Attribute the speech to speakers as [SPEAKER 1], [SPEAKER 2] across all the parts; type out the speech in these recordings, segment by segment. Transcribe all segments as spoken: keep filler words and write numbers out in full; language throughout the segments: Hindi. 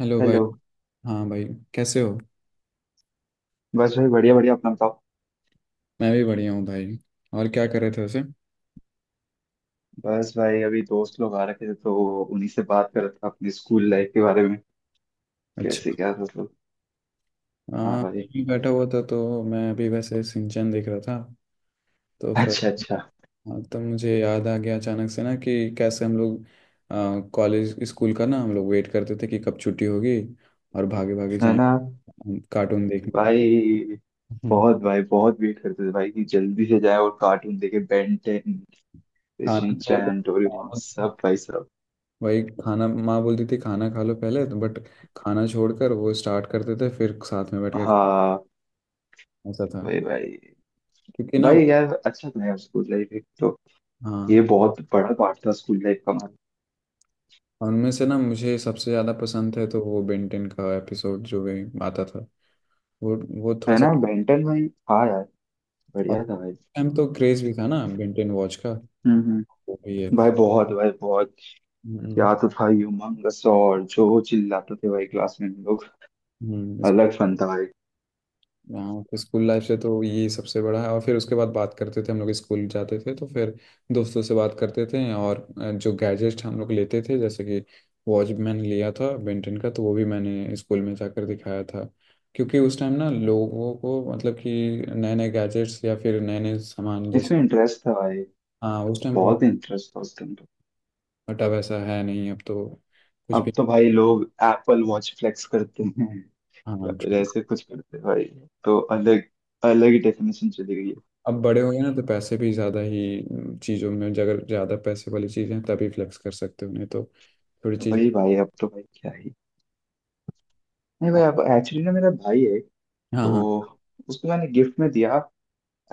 [SPEAKER 1] हेलो भाई।
[SPEAKER 2] हेलो।
[SPEAKER 1] हाँ भाई, कैसे हो?
[SPEAKER 2] बस भाई, बढ़िया बढ़िया, अपना बताओ।
[SPEAKER 1] मैं भी बढ़िया हूँ भाई। और क्या कर रहे थे वैसे?
[SPEAKER 2] बस भाई, अभी दोस्त लोग आ रखे थे तो उन्हीं से बात कर रहा था अपने स्कूल लाइफ के बारे में।
[SPEAKER 1] अच्छा।
[SPEAKER 2] कैसे? क्या मतलब? हाँ
[SPEAKER 1] हाँ,
[SPEAKER 2] भाई।
[SPEAKER 1] मैं बैठा हुआ था तो मैं अभी वैसे सिंचन देख रहा था। तो फिर
[SPEAKER 2] अच्छा अच्छा।
[SPEAKER 1] हाँ, तब मुझे याद आ गया अचानक से ना कि कैसे हम लोग आ, कॉलेज स्कूल का ना हम लोग वेट करते थे कि कब छुट्टी होगी और भागे भागे
[SPEAKER 2] है ना
[SPEAKER 1] जाएंगे कार्टून देखने।
[SPEAKER 2] भाई,
[SPEAKER 1] हम्म।
[SPEAKER 2] बहुत भाई बहुत वेट करते थे भाई कि जल्दी से जाए और कार्टून देखे बेन टेन।
[SPEAKER 1] खाना छोड़कर
[SPEAKER 2] शिनचैन, डोरेमोन, सब भाई सब।
[SPEAKER 1] वही खाना, माँ बोलती थी खाना खा लो पहले, तो बट खाना छोड़कर वो स्टार्ट करते थे फिर साथ में बैठ के।
[SPEAKER 2] हाँ।
[SPEAKER 1] ऐसा था
[SPEAKER 2] भाई भाई।
[SPEAKER 1] क्योंकि ना।
[SPEAKER 2] भाई यार, अच्छा था यार स्कूल लाइफ, एक तो ये
[SPEAKER 1] हाँ,
[SPEAKER 2] बहुत बड़ा पार्ट था स्कूल लाइफ का हमारा।
[SPEAKER 1] उनमें से ना मुझे सबसे ज़्यादा पसंद है तो वो बेंटेन का एपिसोड जो भी आता था, वो वो थोड़ा
[SPEAKER 2] है
[SPEAKER 1] सा।
[SPEAKER 2] ना, बेन टेन भाई, हाँ यार।
[SPEAKER 1] अब
[SPEAKER 2] बढ़िया था भाई।
[SPEAKER 1] टाइम तो क्रेज भी था ना बेंटेन वॉच का,
[SPEAKER 2] हम्म।
[SPEAKER 1] वो भी है।
[SPEAKER 2] भाई बहुत, भाई बहुत।
[SPEAKER 1] हम्म
[SPEAKER 2] क्या तो था ये उमंगस, और जो चिल्लाते थे भाई क्लास में हम लोग।
[SPEAKER 1] हम्म
[SPEAKER 2] अलग फन था भाई।
[SPEAKER 1] हाँ, तो स्कूल लाइफ से तो ये सबसे बड़ा है। और फिर उसके बाद बात करते थे, हम लोग स्कूल जाते थे तो फिर दोस्तों से बात करते थे। और अ, जो गैजेट हम लोग लेते थे जैसे कि वॉच मैंने लिया था बेंटन का, तो वो भी मैंने स्कूल में जाकर दिखाया था। क्योंकि उस टाइम ना लोगों को मतलब कि नए नए गैजेट्स या फिर नए नए सामान जैसे।
[SPEAKER 2] इसमें इंटरेस्ट था भाई।
[SPEAKER 1] हाँ, उस टाइम बहुत।
[SPEAKER 2] बहुत इंटरेस्ट था उस टाइम तो।
[SPEAKER 1] बटा वैसा है नहीं अब तो। कुछ भी।
[SPEAKER 2] अब तो भाई लोग एप्पल वॉच फ्लेक्स करते हैं। या
[SPEAKER 1] हाँ,
[SPEAKER 2] फिर
[SPEAKER 1] ठीक।
[SPEAKER 2] ऐसे कुछ करते हैं भाई। तो अलग अलग ही डेफिनेशन चली गई है।
[SPEAKER 1] अब बड़े हो गए ना तो पैसे भी ज़्यादा ही चीज़ों में जगह, ज़्यादा पैसे वाली चीज़ें तभी फ्लेक्स कर सकते हो, नहीं तो थोड़ी
[SPEAKER 2] तो
[SPEAKER 1] चीज।
[SPEAKER 2] भाई भाई, अब तो भाई क्या ही। नहीं भाई, अब एक्चुअली ना, मेरा भाई है।
[SPEAKER 1] हाँ
[SPEAKER 2] तो
[SPEAKER 1] हाँ।
[SPEAKER 2] उसको मैंने गिफ्ट में दिया।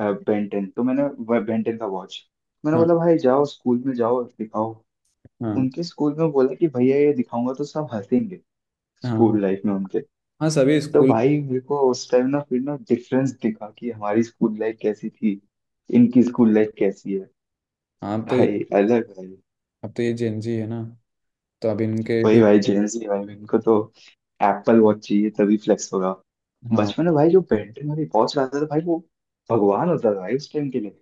[SPEAKER 2] बेंटेन तो मैंने, बेंटेन का वॉच। मैंने
[SPEAKER 1] हाँ
[SPEAKER 2] बोला भाई जाओ स्कूल में जाओ दिखाओ।
[SPEAKER 1] हाँ।
[SPEAKER 2] उनके स्कूल में बोला कि भैया ये दिखाऊंगा तो सब हंसेंगे।
[SPEAKER 1] हाँ हाँ।
[SPEAKER 2] स्कूल लाइफ में उनके।
[SPEAKER 1] हाँ, सभी
[SPEAKER 2] तो
[SPEAKER 1] स्कूल।
[SPEAKER 2] भाई मेरे को उस टाइम ना फिर ना डिफरेंस दिखा कि हमारी स्कूल लाइफ कैसी थी, इनकी स्कूल लाइफ कैसी है।
[SPEAKER 1] हाँ तो ये-
[SPEAKER 2] भाई अलग भाई।
[SPEAKER 1] अब तो ये जेन जी है ना, तो अब इनके
[SPEAKER 2] वही
[SPEAKER 1] भी।
[SPEAKER 2] भाई, जेंजी भाई, इनको तो एप्पल वॉच चाहिए तभी फ्लेक्स होगा।
[SPEAKER 1] हाँ।
[SPEAKER 2] बचपन में भाई जो बेंटन वाली वॉच लाता था भाई, वो भगवान होता था भाई उस टाइम के लिए।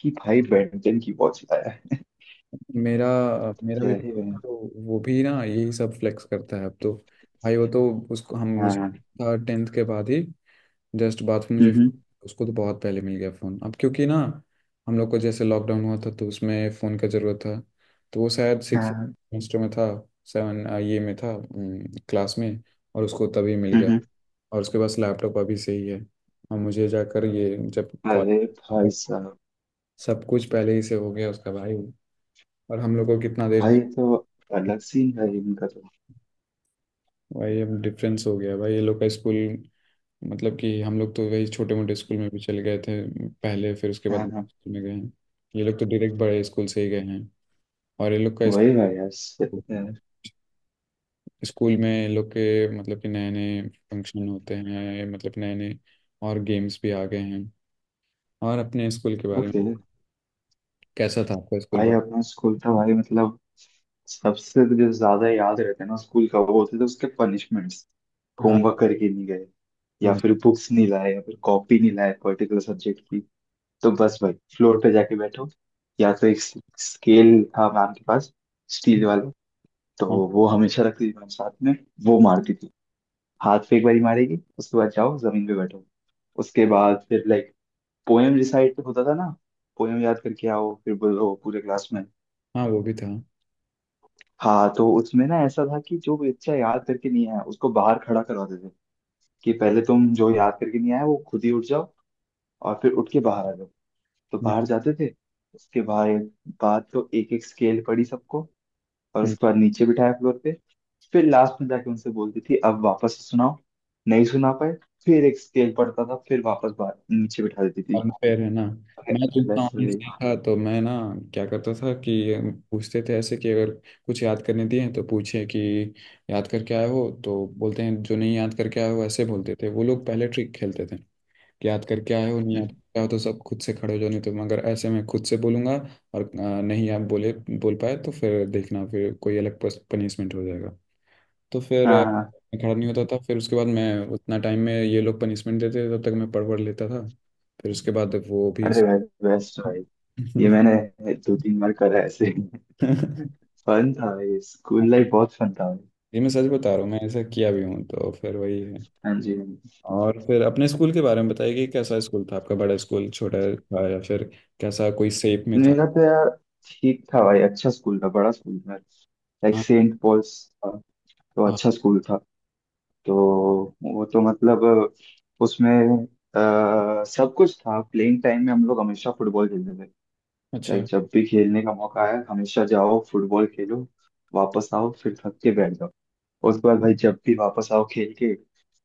[SPEAKER 2] कि भाई बेंटन की वॉच लाया है।
[SPEAKER 1] मेरा मेरा
[SPEAKER 2] क्या
[SPEAKER 1] भी
[SPEAKER 2] ही भाई।
[SPEAKER 1] तो वो भी ना यही सब फ्लेक्स करता है अब तो भाई। वो तो उसको हम
[SPEAKER 2] हाँ,
[SPEAKER 1] मुझे
[SPEAKER 2] हम्म,
[SPEAKER 1] था टेंथ के बाद ही, जस्ट बाद में मुझे।
[SPEAKER 2] हम्म।
[SPEAKER 1] उसको तो बहुत पहले मिल गया फ़ोन अब, क्योंकि ना हम लोग को जैसे लॉकडाउन हुआ था तो उसमें फ़ोन का ज़रूरत था। तो वो शायद सिक्स
[SPEAKER 2] हाँ,
[SPEAKER 1] सेमेस्टर में था, सेवन ये में था क्लास में, और उसको तभी मिल
[SPEAKER 2] हम्म,
[SPEAKER 1] गया।
[SPEAKER 2] हम्म।
[SPEAKER 1] और उसके पास लैपटॉप अभी से ही है। और मुझे जाकर ये जब कॉलेज।
[SPEAKER 2] अरे भाई साहब।
[SPEAKER 1] सब कुछ पहले ही से हो गया उसका भाई, और हम लोग को कितना देर
[SPEAKER 2] भाई
[SPEAKER 1] से-
[SPEAKER 2] ये तो अलग सीन है इनका तो।
[SPEAKER 1] भाई, अब डिफरेंस हो गया भाई ये लोग का स्कूल। मतलब कि हम लोग तो वही छोटे मोटे स्कूल में भी चले गए थे पहले, फिर उसके बाद
[SPEAKER 2] हाँ हाँ।
[SPEAKER 1] स्कूल में गए हैं। ये लोग तो डायरेक्ट बड़े स्कूल से ही गए हैं। और ये लोग का
[SPEAKER 2] वही भाई यार, सही
[SPEAKER 1] स्कूल,
[SPEAKER 2] है।
[SPEAKER 1] स्कूल में ये लोग के मतलब कि नए नए फंक्शन होते हैं, मतलब नए नए। और गेम्स भी आ गए हैं। और अपने स्कूल के बारे में,
[SPEAKER 2] ओके।
[SPEAKER 1] कैसा था आपका स्कूल?
[SPEAKER 2] भाई अपना स्कूल था भाई, मतलब सबसे जो ज्यादा याद रहता है ना स्कूल का, वो होते थे उसके पनिशमेंट्स।
[SPEAKER 1] बट।
[SPEAKER 2] होमवर्क करके नहीं गए, या
[SPEAKER 1] हम्म।
[SPEAKER 2] फिर बुक्स नहीं लाए, या फिर कॉपी नहीं लाए पर्टिकुलर सब्जेक्ट की, तो बस भाई फ्लोर पे जाके बैठो। या तो एक स्केल था मैम के पास, स्टील वाला। तो
[SPEAKER 1] हाँ
[SPEAKER 2] वो हमेशा रखती थी मैम साथ में। वो मारती थी। हाथ पे एक बारी मारेगी, उसके बाद जाओ जमीन पे बैठो। उसके बाद फिर लाइक पोएम रिसाइट होता था ना, पोएम याद करके आओ फिर बोलो पूरे क्लास में।
[SPEAKER 1] हाँ, वो भी था।
[SPEAKER 2] हाँ तो उसमें ना ऐसा था कि जो बच्चा याद करके नहीं आया उसको बाहर खड़ा करवाते थे। कि पहले तुम जो याद करके नहीं आया वो खुद ही उठ जाओ और फिर उठ के बाहर आ जाओ। तो
[SPEAKER 1] मैं।
[SPEAKER 2] बाहर जाते थे। उसके बाद बाद तो एक एक स्केल पड़ी सबको, और
[SPEAKER 1] हम्म।
[SPEAKER 2] उसके बाद नीचे बिठाया फ्लोर पे। फिर लास्ट में जाके उनसे बोलती थी अब वापस से सुनाओ। नहीं सुना पाए, फिर एक स्केल पढ़ता था फिर वापस बाहर नीचे बिठा देती थी।
[SPEAKER 1] unfair है ना।
[SPEAKER 2] अरे
[SPEAKER 1] मैं जितना
[SPEAKER 2] अलेक्स
[SPEAKER 1] honest
[SPEAKER 2] भाई।
[SPEAKER 1] था, तो मैं ना क्या करता था कि पूछते थे ऐसे कि अगर कुछ याद करने दिए तो पूछे कि याद करके आए हो, तो बोलते हैं जो नहीं याद करके आए हो, ऐसे बोलते थे वो लोग, पहले ट्रिक खेलते थे कि याद करके आए हो नहीं याद
[SPEAKER 2] हम्म,
[SPEAKER 1] करके आए हो तो सब खुद से खड़े हो जाओ, नहीं तो मगर ऐसे मैं खुद से बोलूंगा। और अ, नहीं आप बोले, बोल पाए तो फिर देखना फिर कोई अलग पनिशमेंट हो जाएगा। तो फिर अ,
[SPEAKER 2] हाँ हाँ।
[SPEAKER 1] मैं खड़ा नहीं होता था, फिर उसके बाद मैं उतना टाइम में ये लोग पनिशमेंट देते थे तब तक मैं पढ़ पढ़ लेता था। फिर उसके बाद वो भी।
[SPEAKER 2] अरे भाई बेस्ट भाई, ये मैंने दो तीन बार करा है ऐसे। फन था भाई, स्कूल लाइफ बहुत फन था भाई।
[SPEAKER 1] ये मैं सच बता रहा हूँ, मैं ऐसा किया भी हूँ, तो फिर वही है।
[SPEAKER 2] हाँ जी, हाँ जी।
[SPEAKER 1] और फिर अपने स्कूल के बारे में बताइए कि कैसा स्कूल था आपका, बड़ा स्कूल छोटा था या फिर कैसा, कोई सेप में था?
[SPEAKER 2] मेरा तो यार ठीक था भाई, अच्छा स्कूल था, बड़ा स्कूल था, लाइक
[SPEAKER 1] हाँ।
[SPEAKER 2] सेंट पॉल्स था। तो
[SPEAKER 1] हाँ।
[SPEAKER 2] अच्छा स्कूल था। तो वो तो मतलब उसमें आ, सब कुछ था। प्लेइंग टाइम में हम लोग हमेशा फुटबॉल खेलते थे। लाइक
[SPEAKER 1] अच्छा।
[SPEAKER 2] जब भी खेलने का मौका आया हमेशा जाओ फुटबॉल खेलो, वापस आओ फिर थक के बैठ जाओ। उसके बाद भाई जब भी वापस आओ खेल के,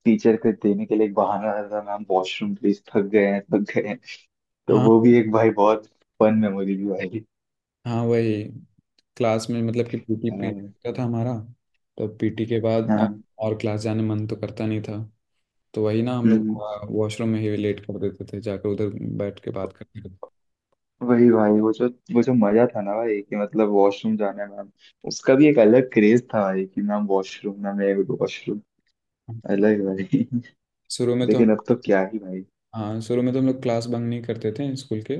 [SPEAKER 2] टीचर के देने के लिए एक बहाना रहता था मैम वॉशरूम प्लीज, थक गए हैं थक गए हैं। तो
[SPEAKER 1] हाँ।
[SPEAKER 2] वो भी एक भाई बहुत फन मेमोरी भी भाई।
[SPEAKER 1] हाँ वही। क्लास में मतलब कि पीटी
[SPEAKER 2] अ,
[SPEAKER 1] पीरियड होता था हमारा। तो पीटी के
[SPEAKER 2] हाँ,
[SPEAKER 1] बाद अ,
[SPEAKER 2] हम्म
[SPEAKER 1] और क्लास जाने मन तो करता नहीं था। तो वही ना हम लोग
[SPEAKER 2] हम्म।
[SPEAKER 1] वॉशरूम में ही लेट कर देते थे जाकर, उधर बैठ के बात करते थे।
[SPEAKER 2] वही भाई, वो जो, वो जो मजा था ना भाई कि मतलब वॉशरूम जाने में हम- उसका भी एक अलग क्रेज था भाई कि मैम वॉशरूम ना, मैं वॉशरूम। अलग भाई
[SPEAKER 1] शुरू में तो हम।
[SPEAKER 2] लेकिन अब तो क्या ही भाई।
[SPEAKER 1] हाँ, शुरू में तो हम लोग क्लास बंक नहीं करते थे स्कूल के।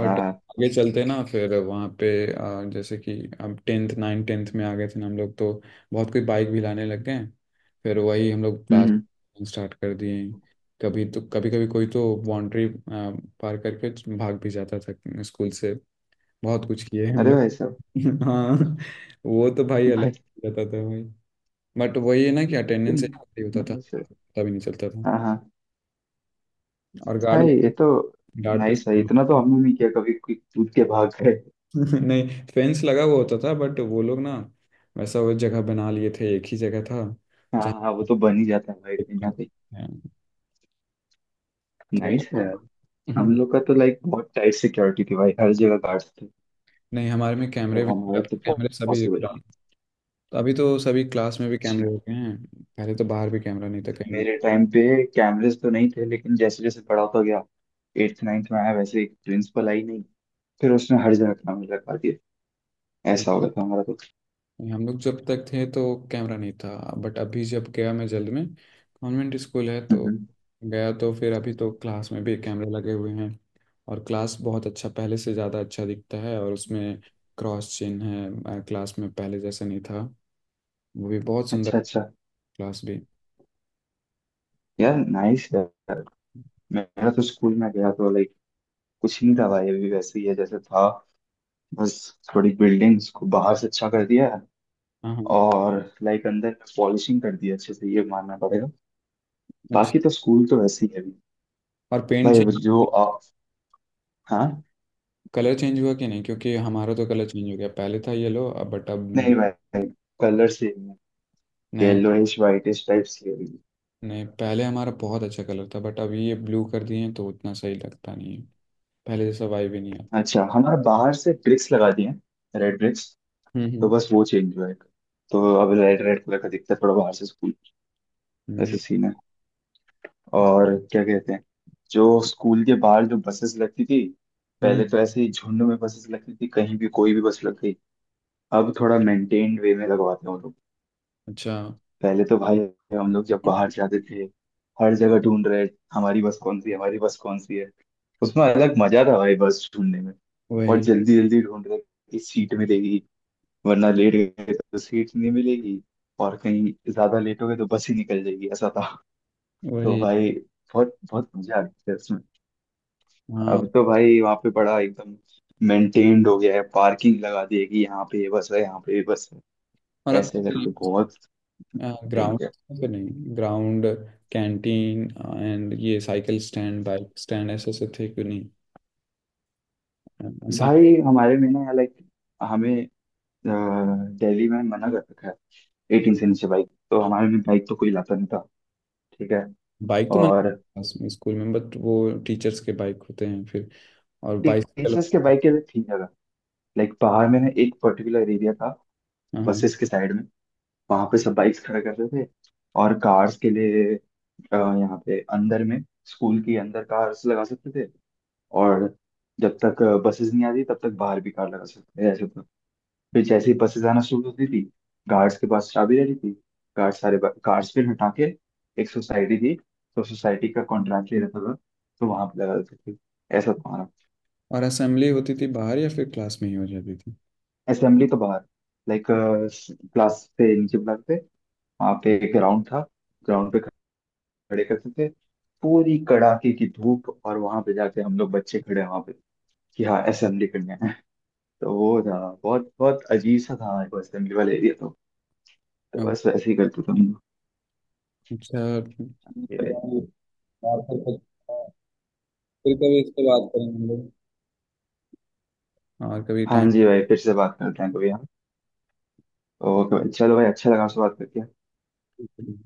[SPEAKER 2] हाँ हाँ,
[SPEAKER 1] आगे चलते ना फिर वहाँ पे आ, जैसे कि अब टेंथ, नाइन टेंथ में आ गए थे ना हम लोग, तो बहुत कोई बाइक भी लाने लग गए। फिर वही हम लोग
[SPEAKER 2] हम्म
[SPEAKER 1] क्लास
[SPEAKER 2] हम्म।
[SPEAKER 1] स्टार्ट कर दिए। कभी तो कभी कभी कोई तो बाउंड्री पार करके भाग भी जाता था स्कूल से। बहुत कुछ किए हैं हम
[SPEAKER 2] अरे भाई साहब।
[SPEAKER 1] लोग। हाँ, वो तो भाई अलग
[SPEAKER 2] भाई
[SPEAKER 1] रहता था भाई। बट वही है ना कि
[SPEAKER 2] तुम,
[SPEAKER 1] अटेंडेंस ही होता था,
[SPEAKER 2] नमस्ते।
[SPEAKER 1] पता भी नहीं चलता था।
[SPEAKER 2] हाँ हाँ।
[SPEAKER 1] और गार्ड,
[SPEAKER 2] भाई ये तो
[SPEAKER 1] गार्ड तो
[SPEAKER 2] नाइस भाई,
[SPEAKER 1] स्कूल।
[SPEAKER 2] इतना तो हमने नहीं किया कभी, कोई कूद के भाग गए।
[SPEAKER 1] नहीं, फेंस लगा हुआ होता था बट वो लोग ना वैसा, वो जगह बना लिए थे एक ही जगह था
[SPEAKER 2] हाँ
[SPEAKER 1] जहाँ।
[SPEAKER 2] हाँ, वो तो बन ही जाता है भाई कहीं ना कहीं।
[SPEAKER 1] तो
[SPEAKER 2] नाइस है यार। हम
[SPEAKER 1] हम्म,
[SPEAKER 2] लोग का तो लाइक बहुत टाइट सिक्योरिटी थी भाई, हर जगह गार्ड्स थे।
[SPEAKER 1] नहीं हमारे में कैमरे,
[SPEAKER 2] तो
[SPEAKER 1] भी
[SPEAKER 2] हमारा तो
[SPEAKER 1] कैमरे सभी।
[SPEAKER 2] पॉसिबल ही नहीं।
[SPEAKER 1] अभी तो सभी क्लास में भी
[SPEAKER 2] अच्छा।
[SPEAKER 1] कैमरे हो गए हैं, पहले तो बाहर भी कैमरा नहीं था कहीं भी।
[SPEAKER 2] मेरे टाइम पे कैमरेज तो नहीं थे, लेकिन जैसे जैसे बड़ा होता गया, एट्थ नाइन्थ में आया, वैसे एक प्रिंसिपल आई नहीं, फिर उसने हर जगह कैमरे लगा दिए। ऐसा हो गया था हमारा तो।
[SPEAKER 1] हम लोग जब तक थे तो कैमरा नहीं था। बट अभी जब गया मैं जल्द में, कॉन्वेंट स्कूल है तो
[SPEAKER 2] हम्म।
[SPEAKER 1] गया, तो फिर अभी तो क्लास में भी कैमरे लगे हुए हैं। और क्लास बहुत अच्छा, पहले से ज़्यादा अच्छा दिखता है। और उसमें क्रॉस चिन्ह है क्लास में, पहले जैसा नहीं था। वो भी बहुत सुंदर
[SPEAKER 2] अच्छा अच्छा।
[SPEAKER 1] क्लास भी। हाँ
[SPEAKER 2] यार नाइस यार। मेरा तो स्कूल में गया तो लाइक कुछ नहीं था भाई, अभी वैसे ही है जैसे था। बस थोड़ी बिल्डिंग्स को बाहर से अच्छा कर दिया है,
[SPEAKER 1] हाँ।
[SPEAKER 2] और लाइक अंदर पॉलिशिंग कर दिया अच्छे से, ये मानना पड़ेगा।
[SPEAKER 1] अच्छा,
[SPEAKER 2] बाकी तो स्कूल तो वैसे ही है अभी।
[SPEAKER 1] और पेंट
[SPEAKER 2] भाई
[SPEAKER 1] चेंज,
[SPEAKER 2] जो आप, हाँ,
[SPEAKER 1] कलर चेंज हुआ कि नहीं? क्योंकि हमारा तो कलर चेंज हो गया, पहले था येलो बट अब
[SPEAKER 2] नहीं भाई, कलर से
[SPEAKER 1] नए।
[SPEAKER 2] येलोइश वाइटिश टाइप्स की होगी।
[SPEAKER 1] नहीं, पहले हमारा बहुत अच्छा कलर था बट अभी ये ब्लू कर दिए हैं तो उतना सही लगता नहीं है। पहले जैसा वाइब ही नहीं आता।
[SPEAKER 2] अच्छा, हमारे बाहर से ब्रिक्स लगा दिए हैं, रेड ब्रिक्स,
[SPEAKER 1] हम्म
[SPEAKER 2] तो
[SPEAKER 1] हम्म
[SPEAKER 2] बस वो चेंज हुआ है। तो अब रेड रेड कलर का दिखता है थोड़ा बाहर से स्कूल।
[SPEAKER 1] हम्म,
[SPEAKER 2] ऐसे सीन है। और क्या कहते हैं, जो स्कूल के बाहर जो बसेस लगती थी,
[SPEAKER 1] हम्म।
[SPEAKER 2] पहले तो ऐसे ही झुंड में बसेस लगती थी, कहीं भी कोई भी बस लग गई। अब थोड़ा मेंटेन्ड वे में लगवाते हैं वो लोग।
[SPEAKER 1] अच्छा।
[SPEAKER 2] पहले तो भाई हम लोग जब बाहर जाते थे, हर जगह ढूंढ रहे, हमारी बस कौन सी है, हमारी बस कौन सी है। उसमें अलग मजा था भाई बस ढूंढने में। और
[SPEAKER 1] वही।
[SPEAKER 2] जल्दी जल्दी ढूंढ रहे कि सीट मिलेगी, वरना लेट गए तो सीट नहीं मिलेगी, और कहीं ज्यादा लेट हो गए तो बस ही निकल जाएगी, ऐसा था। तो
[SPEAKER 1] वही।
[SPEAKER 2] भाई बहुत बहुत मजा आती है उसमें।
[SPEAKER 1] हाँ।
[SPEAKER 2] अब तो भाई वहाँ पे बड़ा एकदम मेंटेन्ड हो गया है, पार्किंग लगा दी है कि यहाँ पे ये बस है, यहाँ पे ये बस है,
[SPEAKER 1] और
[SPEAKER 2] ऐसे करके
[SPEAKER 1] आपका
[SPEAKER 2] बहुत
[SPEAKER 1] ग्राउंड,
[SPEAKER 2] maintained।
[SPEAKER 1] फिर नहीं ग्राउंड, कैंटीन एंड ये साइकिल स्टैंड बाइक स्टैंड ऐसे ऐसे थे क्यों नहीं? अ, ऐसे।
[SPEAKER 2] भाई हमारे में ना लाइक हमें अ, दिल्ली में मना कर रखा है एटीन से नीचे बाइक, तो हमारे में बाइक तो कोई लाता नहीं था। ठीक है।
[SPEAKER 1] बाइक तो
[SPEAKER 2] और
[SPEAKER 1] मैंने स्कूल में, बट वो टीचर्स के बाइक होते हैं फिर। और बाइसाइकिल।
[SPEAKER 2] टीचर्स के बाइक के लिए थी जगह, लाइक बाहर में ना एक पर्टिकुलर एरिया था,
[SPEAKER 1] हाँ हाँ।
[SPEAKER 2] बसेस के साइड में, वहां पे सब बाइक्स खड़ा करते थे। और कार्स के लिए अ, यहाँ पे अंदर में, स्कूल के अंदर कार्स लगा सकते थे। और जब तक बसेस नहीं आती तब तक बाहर भी कार लगा सकते थे ऐसे। फिर जैसे ही बसेस आना शुरू होती थी, गार्ड्स के पास चाबी रहती थी, गार्ड सारे गार्ड्स फिर हटा के, एक सोसाइटी थी, तो सोसाइटी का कॉन्ट्रैक्ट ले रहता था, तो वहां पे लगा देते थे। ऐसा था हमारा।
[SPEAKER 1] और असेंबली होती थी बाहर या फिर क्लास में ही हो जाती थी?
[SPEAKER 2] असेंबली तो बाहर, लाइक क्लास से नीचे बुलाते थे, वहां पे एक ग्राउंड था, ग्राउंड पे खड़े करते थे। पूरी कड़ाके की धूप, और वहां पे जाके हम लोग बच्चे खड़े हैं वहां पे कि हाँ असेंबली करने हैं। तो वो था। बहुत बहुत अजीब सा था हमारे को असेंबली वाला एरिया तो। तो बस वैसे ही करते थे हम
[SPEAKER 1] अच्छा।
[SPEAKER 2] लोग।
[SPEAKER 1] और फिर फिर कभी इस पे बात करेंगे हम लोग। और कभी
[SPEAKER 2] हाँ जी भाई, फिर से बात करते हैं कभी हम। ओके भाई, चलो भाई, अच्छा लगा आपसे बात करके।
[SPEAKER 1] टाइम।